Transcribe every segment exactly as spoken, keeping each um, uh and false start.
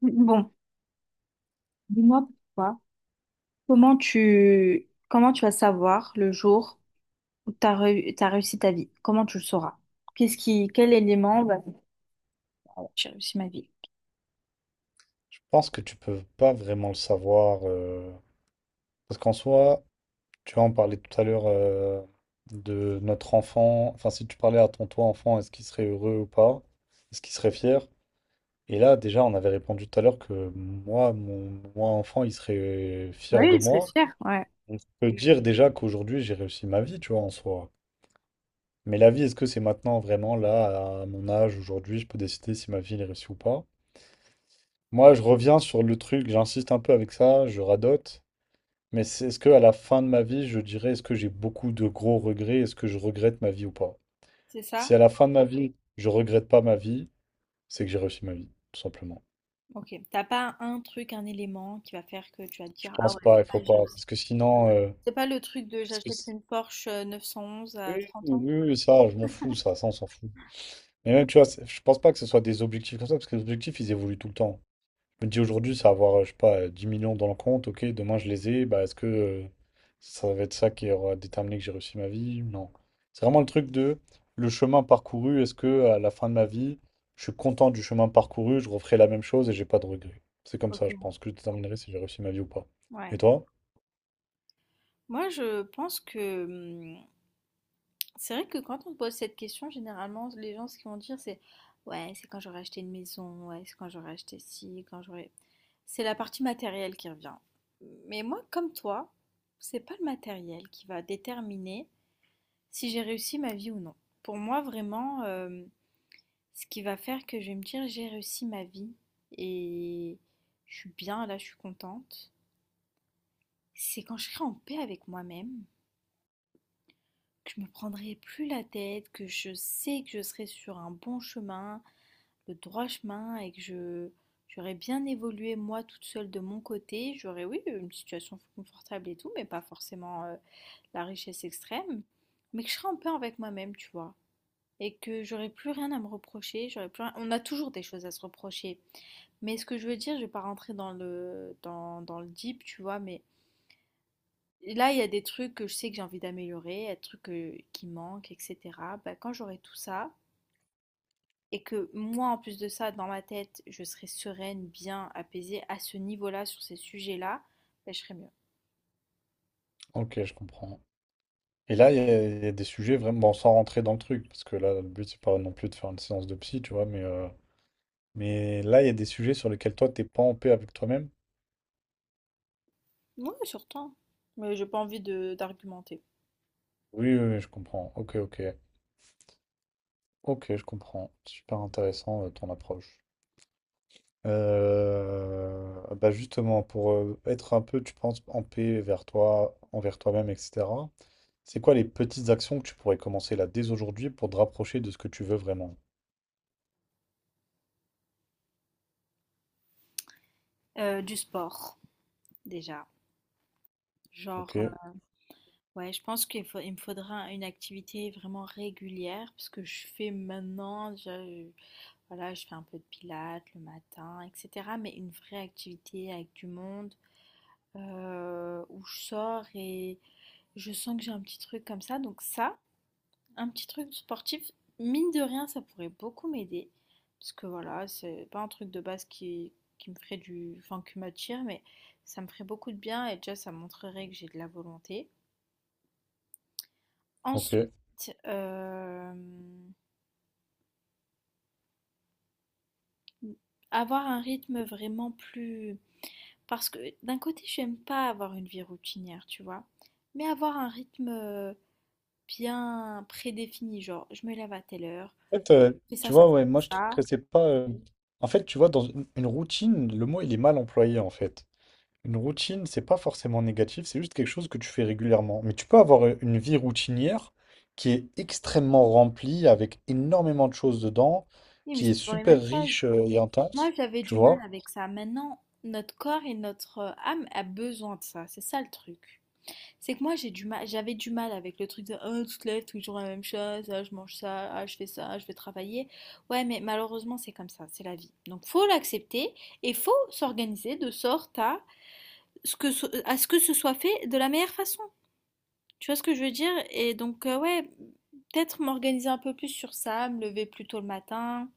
Bon, dis-moi pourquoi. Comment tu comment tu vas savoir le jour où tu as, réussi ta vie? Comment tu le sauras? Qu'est-ce qui quel élément va te dire, ah ouais, j'ai réussi ma vie? Pense que tu peux pas vraiment le savoir. Euh, parce qu'en soi, tu vois, on parlait tout à l'heure euh, de notre enfant. Enfin, si tu parlais à ton toi enfant, est-ce qu'il serait heureux ou pas? Est-ce qu'il serait fier? Et là, déjà, on avait répondu tout à l'heure que moi, mon moi enfant, il serait fier Oui, de il serait moi. fier, ouais. Je peux dire déjà qu'aujourd'hui, j'ai réussi ma vie, tu vois, en soi. Mais la vie, est-ce que c'est maintenant vraiment là, à mon âge, aujourd'hui, je peux décider si ma vie elle est réussie ou pas? Moi, je reviens sur le truc, j'insiste un peu avec ça, je radote. Mais c'est- est-ce que à la fin de ma vie, je dirais, est-ce que j'ai beaucoup de gros regrets? Est-ce que je regrette ma vie ou pas? C'est ça? Si à la fin de ma vie, je regrette pas ma vie, c'est que j'ai réussi ma vie, tout simplement. Ok. T'as pas un truc, un élément qui va faire que tu vas te Je dire, ah pense ouais, pas, il faut là, j'ai pas, réussi. parce que sinon, euh, C'est pas le truc de parce que j'achète c- une Porsche neuf cent onze oui, à trente oui, ans? oui, oui, ça, je m'en fous, ça, ça, on s'en fout. Mais même, tu vois, c'est- je pense pas que ce soit des objectifs comme ça, parce que les objectifs, ils évoluent tout le temps. Je me dis aujourd'hui, ça va avoir, euh, je sais pas, euh, dix millions dans le compte, ok, demain je les ai, bah est-ce que euh, ça va être ça qui aura déterminé que j'ai réussi ma vie? Non. C'est vraiment le truc de le chemin parcouru, est-ce que à la fin de ma vie, je suis content du chemin parcouru, je referai la même chose et j'ai pas de regrets. C'est comme ça, je Ok. pense que je déterminerai si j'ai réussi ma vie ou pas. Ouais. Et toi? Moi, je pense que hum, c'est vrai que quand on pose cette question, généralement, les gens, ce qu'ils vont dire, c'est ouais, c'est quand j'aurai acheté une maison, ouais, c'est quand j'aurai acheté ci, quand j'aurai. C'est la partie matérielle qui revient. Mais moi, comme toi, c'est pas le matériel qui va déterminer si j'ai réussi ma vie ou non. Pour moi, vraiment, euh, ce qui va faire que je vais me dire j'ai réussi ma vie et je suis bien là, je suis contente, c'est quand je serai en paix avec moi-même. Que je me prendrai plus la tête, que je sais que je serai sur un bon chemin, le droit chemin, et que je j'aurais bien évolué moi toute seule de mon côté. J'aurais, oui, une situation confortable et tout, mais pas forcément euh, la richesse extrême, mais que je serais en paix avec moi-même, tu vois. Et que j'aurais plus rien à me reprocher, j'aurais plus rien- on a toujours des choses à se reprocher. Mais ce que je veux dire, je vais pas rentrer dans le, dans, dans le deep, tu vois, mais là, il y a des trucs que je sais que j'ai envie d'améliorer, il y a des trucs euh, qui manquent, et cetera. Bah, quand j'aurai tout ça, et que moi, en plus de ça, dans ma tête, je serai sereine, bien, apaisée à ce niveau-là, sur ces sujets-là, bah, je serai mieux. Ok, je comprends. Et là, il y, a il y a des sujets vraiment, bon, sans rentrer dans le truc, parce que là, le but, c'est pas non plus de faire une séance de psy, tu vois, mais, euh, mais là, il y a des sujets sur lesquels toi, t'es pas en paix avec toi-même. Oui, surtout. Mais j'ai pas envie de d'argumenter. Oui, oui, oui, je comprends. Ok, ok. Ok, je comprends. Super intéressant euh, ton approche. Euh, bah justement, pour euh, être un peu, tu penses, en paix vers toi, envers toi-même, et cetera, c'est quoi les petites actions que tu pourrais commencer là dès aujourd'hui pour te rapprocher de ce que tu veux vraiment? Euh, du sport, déjà. Genre, Ok, euh, ouais, je pense qu'il faut- il me faudra une activité vraiment régulière, parce que je fais maintenant, je- voilà, je fais un peu de pilates le matin, et cetera. Mais une vraie activité avec du monde euh, où je sors et je sens que j'ai un petit truc comme ça. Donc ça, un petit truc sportif, mine de rien, ça pourrait beaucoup m'aider. Parce que voilà, c'est pas un truc de base qui, qui me ferait du... Enfin, qui m'attire, mais ça me ferait beaucoup de bien et déjà, ça montrerait que j'ai de la volonté. ok. Ensuite, euh, avoir un rythme vraiment plus... Parce que d'un côté, j'aime pas avoir une vie routinière, tu vois. Mais avoir un rythme bien prédéfinie, genre je me lève à telle heure, En fait, euh, je fais ça, tu ça, vois, ouais, ça, moi je trouve ça. que c'est pas. Euh, En fait, tu vois, dans une une routine, le mot il est mal employé en fait. Une routine, c'est pas forcément négatif, c'est juste quelque chose que tu fais régulièrement. Mais tu peux avoir euh, une vie routinière qui est extrêmement remplie, avec énormément de choses dedans, Oui, mais qui c'est est toujours les super mêmes choses. riche euh, et Moi, intense, j'avais tu du mal vois? avec ça. Maintenant, notre corps et notre euh, âme a besoin de ça. C'est ça le truc. C'est que moi, j'ai du mal, j'avais du mal avec le truc de oh, tu te lèves toujours la même chose, ah, je mange ça, ah, je fais ça, ah, je vais travailler. Ouais, mais malheureusement, c'est comme ça, c'est la vie. Donc, faut l'accepter et faut s'organiser de sorte à ce que ce- à ce que ce soit fait de la meilleure façon. Tu vois ce que je veux dire? Et donc, euh, ouais, peut-être m'organiser un peu plus sur ça, me lever plus tôt le matin,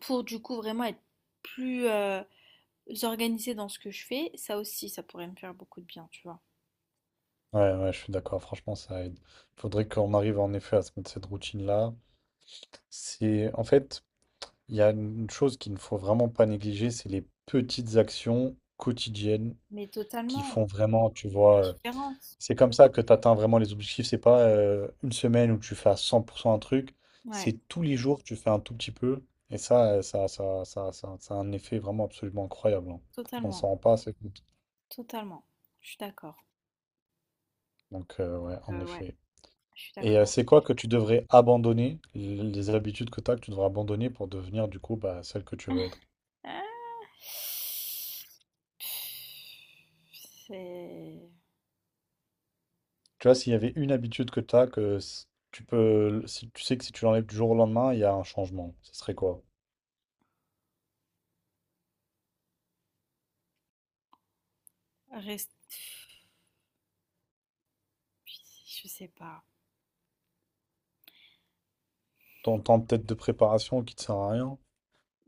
pour du coup vraiment être plus euh, organisée dans ce que je fais. Ça aussi, ça pourrait me faire beaucoup de bien, tu vois. Ouais, ouais, je suis d'accord, franchement, ça aide. Faudrait qu'on arrive en effet à se mettre cette routine-là. C'est, en fait, il y a une chose qu'il ne faut vraiment pas négliger, c'est les petites actions quotidiennes Mais qui totalement, font vraiment, tu la vois, euh, différence. c'est comme ça que tu atteins vraiment les objectifs. C'est pas euh, une semaine où tu fais à cent pour cent un truc. Ouais, C'est tous les jours, tu fais un tout petit peu. Et ça, euh, ça, ça, ça, ça, ça a un effet vraiment absolument incroyable, hein. On totalement, s'en rend pas assez compte. totalement. Je suis d'accord. Donc, euh, ouais, en Euh, ouais, effet. je suis Et euh, d'accord. c'est quoi que tu devrais abandonner, l- les habitudes que tu as, que tu devrais abandonner pour devenir, du coup, bah, celle que tu veux être? Ah. C'est... Tu vois, s'il y avait une habitude que tu as, que s- tu peux, si tu sais que si tu l'enlèves du jour au lendemain, il y a un changement. Ce serait quoi? Reste... Je sais pas. Ton temps peut-être de préparation qui te sert à rien,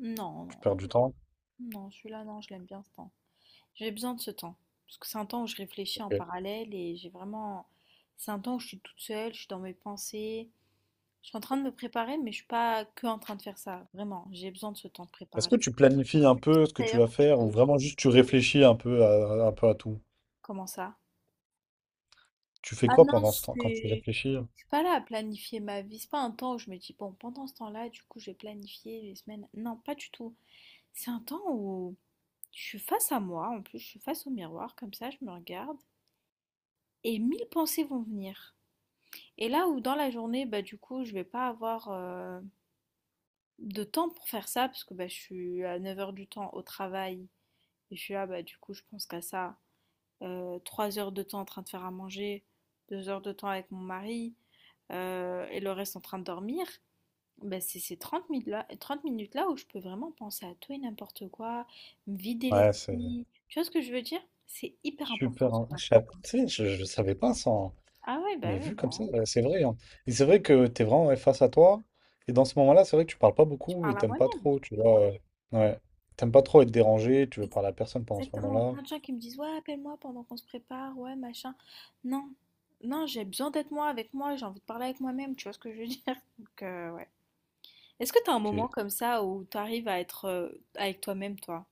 Non, tu non, perds du temps. non, celui-là, non, je l'aime bien ce temps. J'ai besoin de ce temps. Parce que c'est un temps où je réfléchis en Ok. parallèle et j'ai vraiment. C'est un temps où je suis toute seule, je suis dans mes pensées. Je suis en train de me préparer, mais je suis pas que en train de faire ça. Vraiment, j'ai besoin de ce temps de Est-ce préparation. que tu planifies C'est un pour ça, peu ce que tu d'ailleurs, vas que je faire ou veux- vraiment juste tu réfléchis un peu à, un peu à tout? comment ça? Tu fais Ah quoi non, pendant ce temps quand tu c'est. réfléchis? Je suis pas là à planifier ma vie. C'est pas un temps où je me dis, bon, pendant ce temps-là, du coup, je vais planifier les semaines. Non, pas du tout. C'est un temps où je suis face à moi, en plus, je suis face au miroir, comme ça, je me regarde, et mille pensées vont venir. Et là où dans la journée, bah, du coup, je vais pas avoir euh, de temps pour faire ça, parce que bah, je suis à neuf heures du temps au travail, et je suis là, bah, du coup, je pense qu'à ça. Euh, 3 heures de temps en train de faire à manger, deux heures de temps avec mon mari, euh, et le reste en train de dormir. Bah, c'est ces 30 minutes là, trente minutes là où je peux vraiment penser à tout et n'importe quoi, me vider Ouais, c'est l'esprit. Tu vois ce que je veux dire? C'est hyper important super, ce hein. Ah, temps de je, sais- préparation. Tu sais, je, je savais pas ça, hein. Ah ouais, bah Mais ouais, vu comme bah, ça, euh, c'est vrai, hein. Et c'est vrai que t'es vraiment ouais, face à toi. Et dans ce moment-là, c'est vrai que tu parles pas je beaucoup et parle à t'aimes pas moi-même. trop, tu vois. Euh, ouais. T'aimes pas trop être dérangé, tu veux parler à personne pendant ce Exactement, moment-là. plein de gens qui me disent, ouais, appelle-moi pendant qu'on se prépare, ouais, machin. Non, non, j'ai besoin d'être moi avec moi, j'ai envie de parler avec moi-même, tu vois ce que je veux dire? Donc, euh, ouais. Est-ce que t'as un moment Ok. comme ça où t'arrives à être euh, avec toi-même, toi?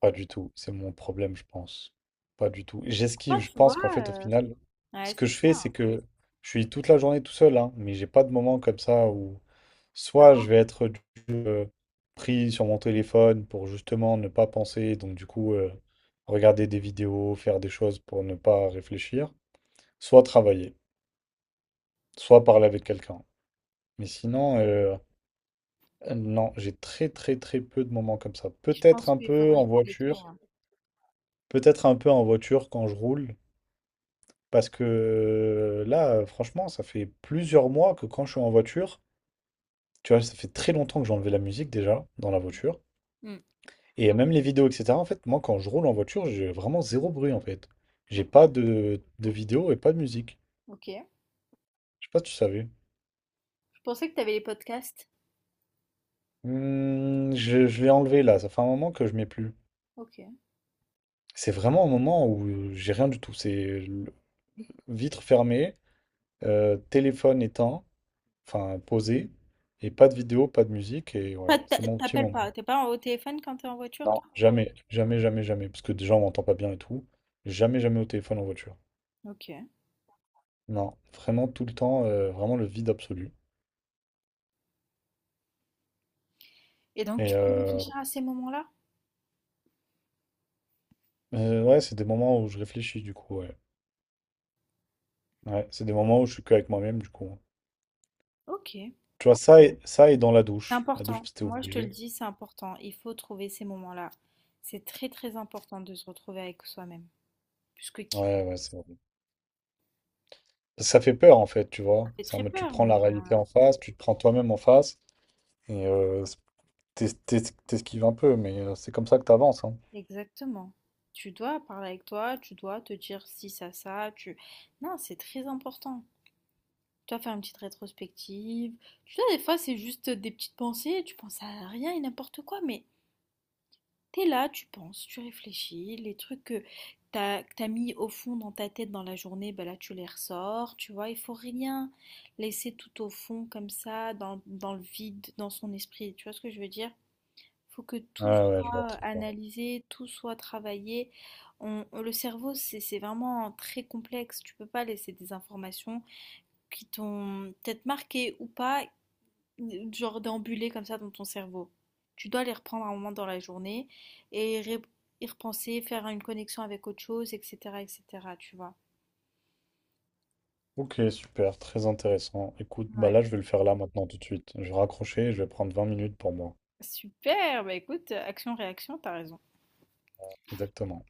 Pas du tout, c'est mon problème, je pense. Pas du tout. J'esquive, Enfin, je tu vois, pense qu'en fait, au euh, final, ce ouais, que c'est je fais, ça. c'est que je suis toute la journée tout seul, hein, mais j'ai pas de moment comme ça où Ça soit je part- vais être du- euh, pris sur mon téléphone pour justement ne pas penser, donc du coup, euh, regarder des vidéos, faire des choses pour ne pas réfléchir, soit travailler, soit parler avec quelqu'un. Mais sinon, euh, euh, non, j'ai très très très peu de moments comme ça. Je pense Peut-être un qu'il peu faudrait en que tu voiture, l'écrives. peut-être un peu en voiture quand je roule. Parce que là, franchement, ça fait plusieurs mois que quand je suis en voiture, tu vois, ça fait très longtemps que j'ai enlevé la musique déjà dans la voiture. Hmm. Et même les vidéos, et cetera. En fait, moi, quand je roule en voiture, j'ai vraiment zéro bruit, en fait. J'ai pas Ok, de, de vidéo et pas de musique. ok. Je sais pas si tu savais. Je pensais que t'avais les podcasts. Hmm, je je l'ai enlevé là, ça fait un moment que je mets plus. Ok. C'est vraiment un moment où j'ai rien du tout. C'est le- vitre fermée, euh, téléphone éteint, enfin posé, et pas de vidéo, pas de musique, et voilà, Pas- t'a- c'est mon petit t'appelles moment. pas, t'es pas au téléphone quand t'es en voiture, Non, toi? jamais, jamais, jamais, jamais. Parce que déjà, on m'entend pas bien et tout. Jamais, jamais au téléphone en voiture. Ok. Non, vraiment tout le temps, euh, vraiment le vide absolu. Et donc, Et tu peux euh, réfléchir à ces moments-là? euh, ouais, c'est des moments où je réfléchis, du coup, ouais. Ouais, c'est des moments où je suis qu'avec moi-même, du coup. Ok. Tu vois, ça et, ça et dans la C'est douche. La douche, important. c'était Moi, je te le obligé. dis, c'est important. Il faut trouver ces moments-là. C'est très, très important de se retrouver avec soi-même. Puisque qui Ouais, ouais, c'est horrible. Ça fait peur, en fait, tu ça vois. fait C'est en très mode, tu peur. prends mais- la réalité en face, tu te prends toi-même en face, et euh, t'es- t'es- t'esquives un peu, mais euh, c'est comme ça que t'avances, hein. Exactement. Tu dois parler avec toi, tu dois te dire si ça, ça, tu... Non, c'est très important. Tu dois faire une petite rétrospective. Tu vois, des fois, c'est juste des petites pensées, tu penses à rien et n'importe quoi, mais t'es là, tu penses, tu réfléchis, les trucs que t'as, que t'as mis au fond dans ta tête dans la journée, ben là tu les ressors, tu vois, il faut rien laisser tout au fond comme ça, dans, dans le vide, dans son esprit, tu vois ce que je veux dire? Faut que tout Ah ouais, je vois soit très bien. analysé, tout soit travaillé. On- on- le cerveau, c'est c'est vraiment très complexe. Tu peux pas laisser des informations qui t'ont peut-être marqué ou pas genre d'ambuler comme ça dans ton cerveau. Tu dois les reprendre à un moment dans la journée et ré- y repenser, faire une connexion avec autre chose, et cetera, et cetera, tu vois. Ok, super, très intéressant. Écoute, bah Ouais. là, je vais le faire là maintenant tout de suite. Je vais raccrocher et je vais prendre vingt minutes pour moi. Super, bah écoute, action-réaction, t'as raison. Exactement.